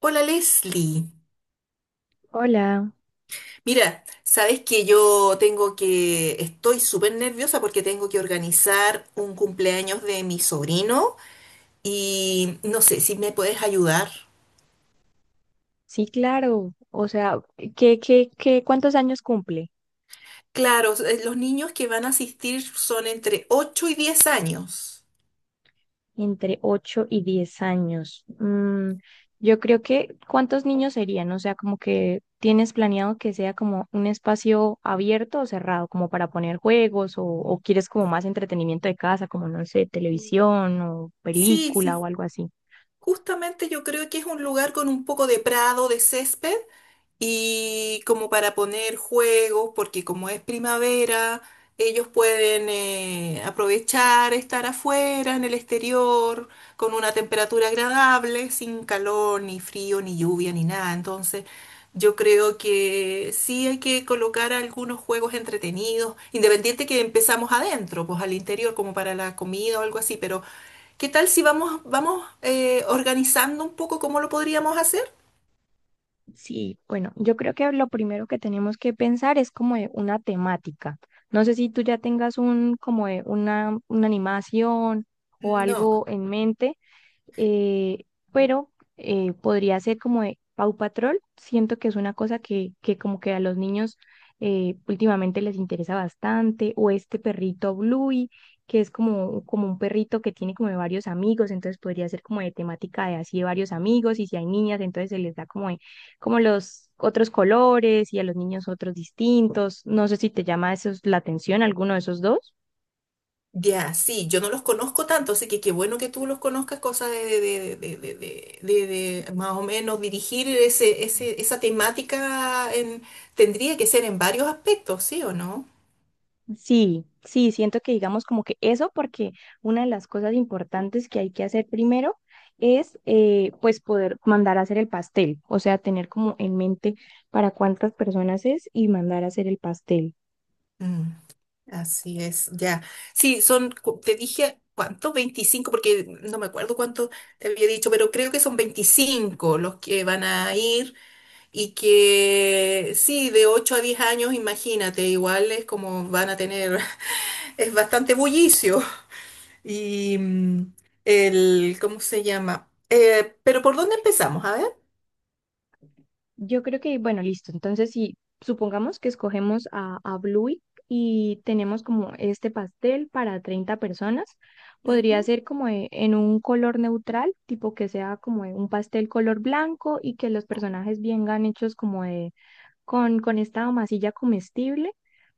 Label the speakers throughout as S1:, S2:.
S1: Hola Leslie.
S2: Hola,
S1: Mira, sabes que estoy súper nerviosa porque tengo que organizar un cumpleaños de mi sobrino y no sé si me puedes ayudar.
S2: sí, claro. O sea, ¿ cuántos años cumple?
S1: Claro, los niños que van a asistir son entre 8 y 10 años.
S2: Entre 8 y 10 años. Yo creo que, ¿cuántos niños serían? O sea, como que tienes planeado que sea como un espacio abierto o cerrado, como para poner juegos o quieres como más entretenimiento de casa, como no sé, televisión o
S1: Sí, sí,
S2: película o algo así.
S1: justamente yo creo que es un lugar con un poco de prado, de césped y como para poner juegos, porque como es primavera, ellos pueden aprovechar estar afuera, en el exterior, con una temperatura agradable, sin calor, ni frío, ni lluvia, ni nada. Entonces, yo creo que sí hay que colocar algunos juegos entretenidos, independiente que empezamos adentro, pues al interior, como para la comida o algo así, pero ¿qué tal si vamos organizando un poco cómo lo podríamos hacer?
S2: Sí, bueno, yo creo que lo primero que tenemos que pensar es como de una temática. No sé si tú ya tengas un como de una animación o
S1: No.
S2: algo en mente, eh, pero podría ser como de Paw Patrol. Siento que es una cosa que como que a los niños últimamente les interesa bastante, o este perrito Bluey, que es como, como un perrito que tiene como de varios amigos, entonces podría ser como de temática de así de varios amigos, y si hay niñas, entonces se les da como, como los otros colores y a los niños otros distintos. No sé si te llama eso la atención, alguno de esos dos.
S1: Ya, sí, yo no los conozco tanto, así que qué bueno que tú los conozcas, cosa de más o menos dirigir esa temática en, tendría que ser en varios aspectos, ¿sí o no?
S2: Sí, sí, siento que digamos como que eso, porque una de las cosas importantes que hay que hacer primero es pues poder mandar a hacer el pastel, o sea, tener como en mente para cuántas personas es y mandar a hacer el pastel.
S1: Mm, así es, ya. Sí, te dije, ¿cuánto? 25, porque no me acuerdo cuánto te había dicho, pero creo que son 25 los que van a ir y que sí, de 8 a 10 años, imagínate, igual es como van a tener, es bastante bullicio. Y ¿cómo se llama? Pero ¿por dónde empezamos? A ver.
S2: Yo creo que, bueno, listo, entonces si supongamos que escogemos a Bluey y tenemos como este pastel para 30 personas, podría
S1: Ujú,
S2: ser como en un color neutral, tipo que sea como un pastel color blanco y que los personajes vengan hechos como de con esta masilla comestible.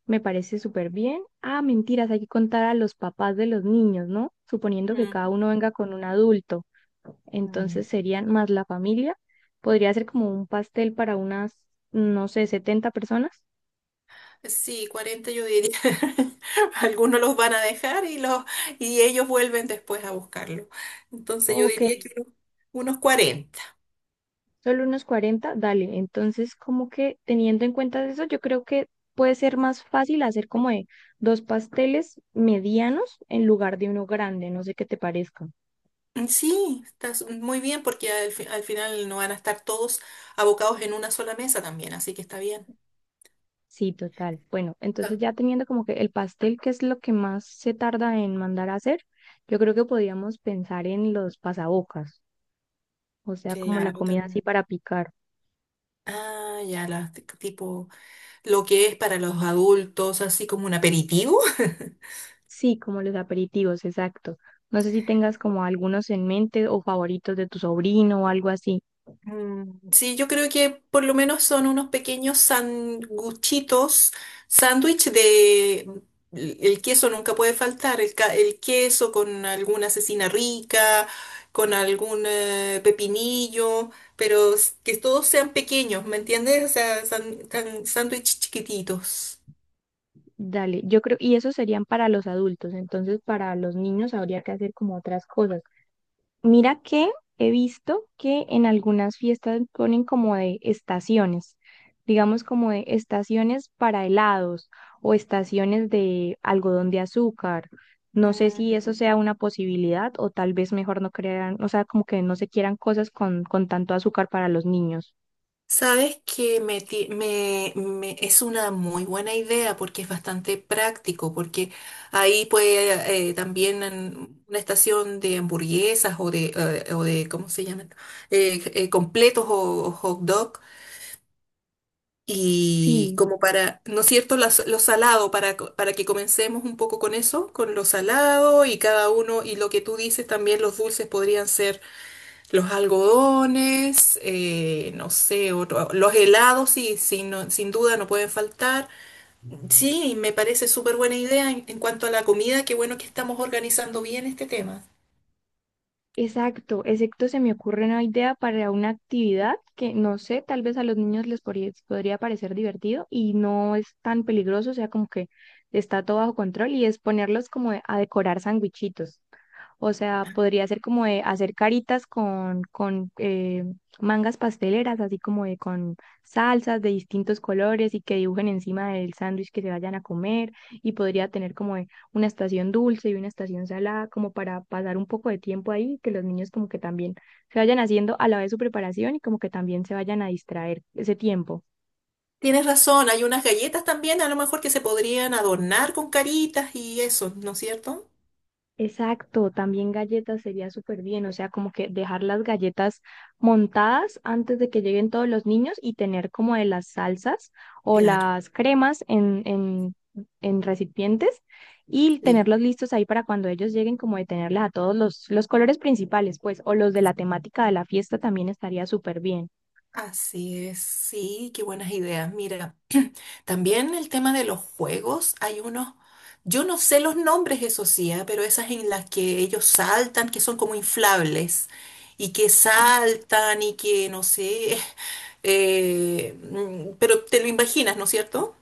S2: Me parece súper bien. Ah, mentiras, hay que contar a los papás de los niños, ¿no? Suponiendo que cada uno venga con un adulto.
S1: mm, mm.
S2: Entonces serían más la familia. Podría ser como un pastel para unas, no sé, 70 personas.
S1: Sí, 40 yo diría. Algunos los van a dejar y, y ellos vuelven después a buscarlo. Entonces yo
S2: Ok,
S1: diría que unos 40.
S2: solo unos 40, dale. Entonces, como que teniendo en cuenta eso, yo creo que puede ser más fácil hacer como de dos pasteles medianos en lugar de uno grande. No sé qué te parezca.
S1: Mm, sí, estás muy bien porque al final no van a estar todos abocados en una sola mesa también, así que está bien.
S2: Sí, total. Bueno,
S1: Ah,
S2: entonces ya teniendo como que el pastel, que es lo que más se tarda en mandar a hacer, yo creo que podíamos pensar en los pasabocas, o sea, como la
S1: claro,
S2: comida así
S1: también.
S2: para picar.
S1: Ah, ya, las tipo lo que es para los adultos, así como un aperitivo.
S2: Sí, como los aperitivos, exacto. No sé si tengas como algunos en mente o favoritos de tu sobrino o algo así.
S1: Mm, sí, yo creo que por lo menos son unos pequeños sanguchitos, sándwich de. El queso nunca puede faltar, el queso con alguna cecina rica, con algún pepinillo, pero que todos sean pequeños, ¿me entiendes? O sea, sándwich chiquititos.
S2: Dale, yo creo, y esos serían para los adultos, entonces para los niños habría que hacer como otras cosas. Mira que he visto que en algunas fiestas ponen como de estaciones, digamos como de estaciones para helados o estaciones de algodón de azúcar. No sé si eso sea una posibilidad o tal vez mejor no crean, o sea, como que no se quieran cosas con tanto azúcar para los niños.
S1: Sabes que me, ti- me- me- es una muy buena idea porque es bastante práctico, porque ahí puede también en una estación de hamburguesas o o de ¿cómo se llama? Completos o hot dog. Y
S2: Sí,
S1: como para, ¿no es cierto?, lo salado, para que comencemos un poco con eso, con lo salado y cada uno, y lo que tú dices también, los dulces podrían ser los algodones, no sé, los helados, sí, sí sin duda no pueden faltar. Sí, me parece súper buena idea en cuanto a la comida, qué bueno que estamos organizando bien este tema.
S2: exacto, exacto, se me ocurre una idea para una actividad que no sé, tal vez a los niños les podría parecer divertido y no es tan peligroso, o sea, como que está todo bajo control y es ponerlos como a decorar sandwichitos. O sea, podría ser como de hacer caritas con mangas pasteleras, así como de con salsas de distintos colores y que dibujen encima del sándwich que se vayan a comer. Y podría tener como de una estación dulce y una estación salada, como para pasar un poco de tiempo ahí, que los niños como que también se vayan haciendo a la vez su preparación y como que también se vayan a distraer ese tiempo.
S1: Tienes razón, hay unas galletas también, a lo mejor que se podrían adornar con caritas y eso, ¿no es cierto?
S2: Exacto, también galletas sería súper bien, o sea, como que dejar las galletas montadas antes de que lleguen todos los niños y tener como de las salsas o
S1: Claro,
S2: las cremas en recipientes y
S1: sí.
S2: tenerlos listos ahí para cuando ellos lleguen, como de tenerles a todos los colores principales, pues, o los de la temática de la fiesta también estaría súper bien.
S1: Así es, sí, qué buenas ideas. Mira, también el tema de los juegos, hay unos, yo no sé los nombres, eso sí, ah, pero esas en las que ellos saltan, que son como inflables, y que saltan y que, no sé, pero te lo imaginas, ¿no es cierto?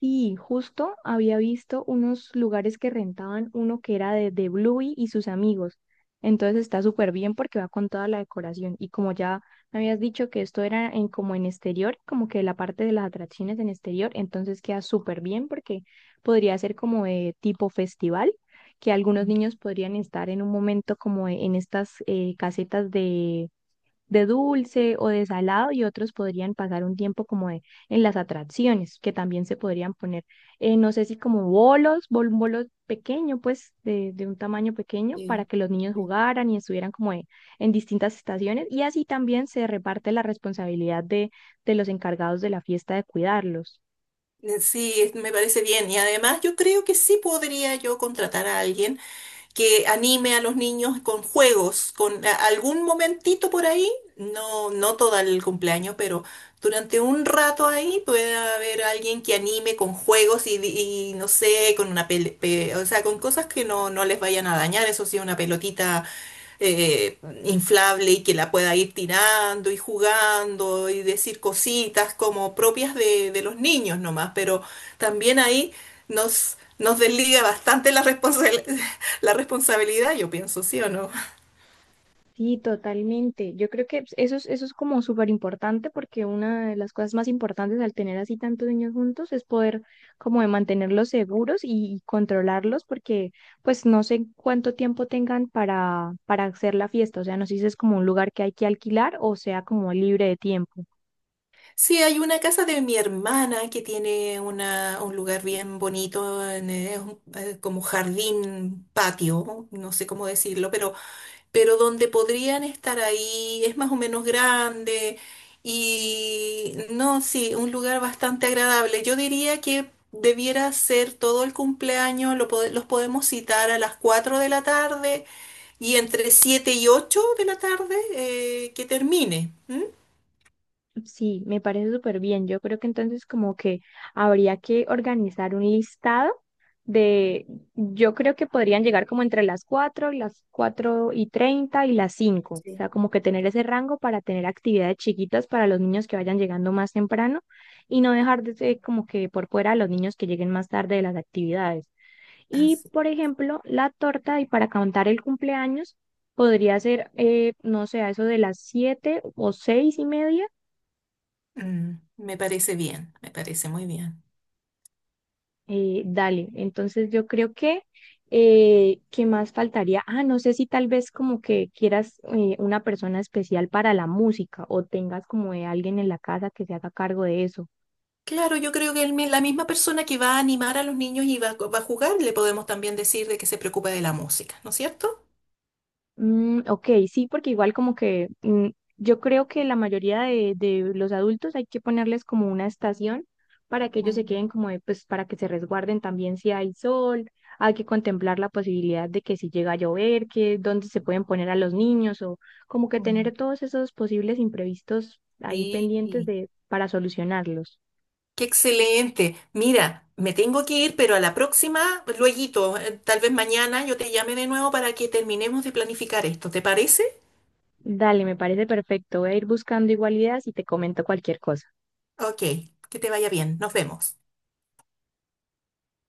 S2: Sí, justo había visto unos lugares que rentaban uno que era de Bluey y sus amigos. Entonces está súper bien porque va con toda la decoración. Y como ya me habías dicho que esto era en como en exterior, como que la parte de las atracciones en exterior, entonces queda súper bien porque podría ser como de tipo festival, que algunos
S1: Mm,
S2: niños podrían estar en un momento como en estas casetas de dulce o de salado y otros podrían pasar un tiempo como en las atracciones, que también se podrían poner, no sé si como bolos, un bolo pequeño, pues de un tamaño pequeño para
S1: sí,
S2: que los niños
S1: sí.
S2: jugaran y estuvieran como en distintas estaciones y así también se reparte la responsabilidad de los encargados de la fiesta de cuidarlos.
S1: Sí, me parece bien. Y además yo creo que sí podría yo contratar a alguien que anime a los niños con juegos, con algún momentito por ahí, no, no todo el cumpleaños, pero durante un rato ahí pueda haber alguien que anime con juegos y no sé, con una o sea, con cosas que no les vayan a dañar, eso sí, una pelotita eh, inflable y que la pueda ir tirando y jugando y decir cositas como propias de los niños nomás, pero también ahí nos desliga bastante la responsabilidad, yo pienso, ¿sí o no?
S2: Sí, totalmente. Yo creo que pues, eso es como súper importante porque una de las cosas más importantes al tener así tantos niños juntos es poder como de mantenerlos seguros y controlarlos porque pues no sé cuánto tiempo tengan para hacer la fiesta. O sea, no sé si es como un lugar que hay que alquilar o sea como libre de tiempo.
S1: Sí, hay una casa de mi hermana que tiene un lugar bien bonito, como jardín, patio, no sé cómo decirlo, pero donde podrían estar ahí, es más o menos grande y no, sí, un lugar bastante agradable. Yo diría que debiera ser todo el cumpleaños, los podemos citar a las 4 de la tarde y entre 7 y 8 de la tarde que termine. ¿M?
S2: Sí, me parece súper bien. Yo creo que entonces como que habría que organizar un listado de, yo creo que podrían llegar como entre las 4:30 y las 5. O
S1: Sí,
S2: sea, como que tener ese rango para tener actividades chiquitas para los niños que vayan llegando más temprano y no dejar de ser como que por fuera a los niños que lleguen más tarde de las actividades. Y,
S1: así.
S2: por ejemplo, la torta y para contar el cumpleaños podría ser, no sé, a eso de las 7 o 6:30.
S1: Mm, me parece bien, me parece muy bien.
S2: Dale, entonces yo creo que, ¿qué más faltaría? Ah, no sé si tal vez como que quieras una persona especial para la música o tengas como de alguien en la casa que se haga cargo de eso.
S1: Claro, yo creo que la misma persona que va a animar a los niños y va a jugar, le podemos también decir de que se preocupa de la música, ¿no es cierto?
S2: Mm, ok, sí, porque igual como que yo creo que la mayoría de los adultos hay que ponerles como una estación para que ellos se
S1: Mm,
S2: queden como, de, pues para que se resguarden también si hay sol, hay que contemplar la posibilidad de que si llega a llover, que dónde se pueden poner a los niños o como que tener
S1: mm.
S2: todos esos posibles imprevistos ahí pendientes
S1: Sí,
S2: de para solucionarlos.
S1: qué excelente. Mira, me tengo que ir, pero a la próxima, lueguito, tal vez mañana yo te llame de nuevo para que terminemos de planificar esto. ¿Te parece?
S2: Dale, me parece perfecto. Voy a ir buscando igual ideas y te comento cualquier cosa.
S1: Ok, que te vaya bien. Nos vemos.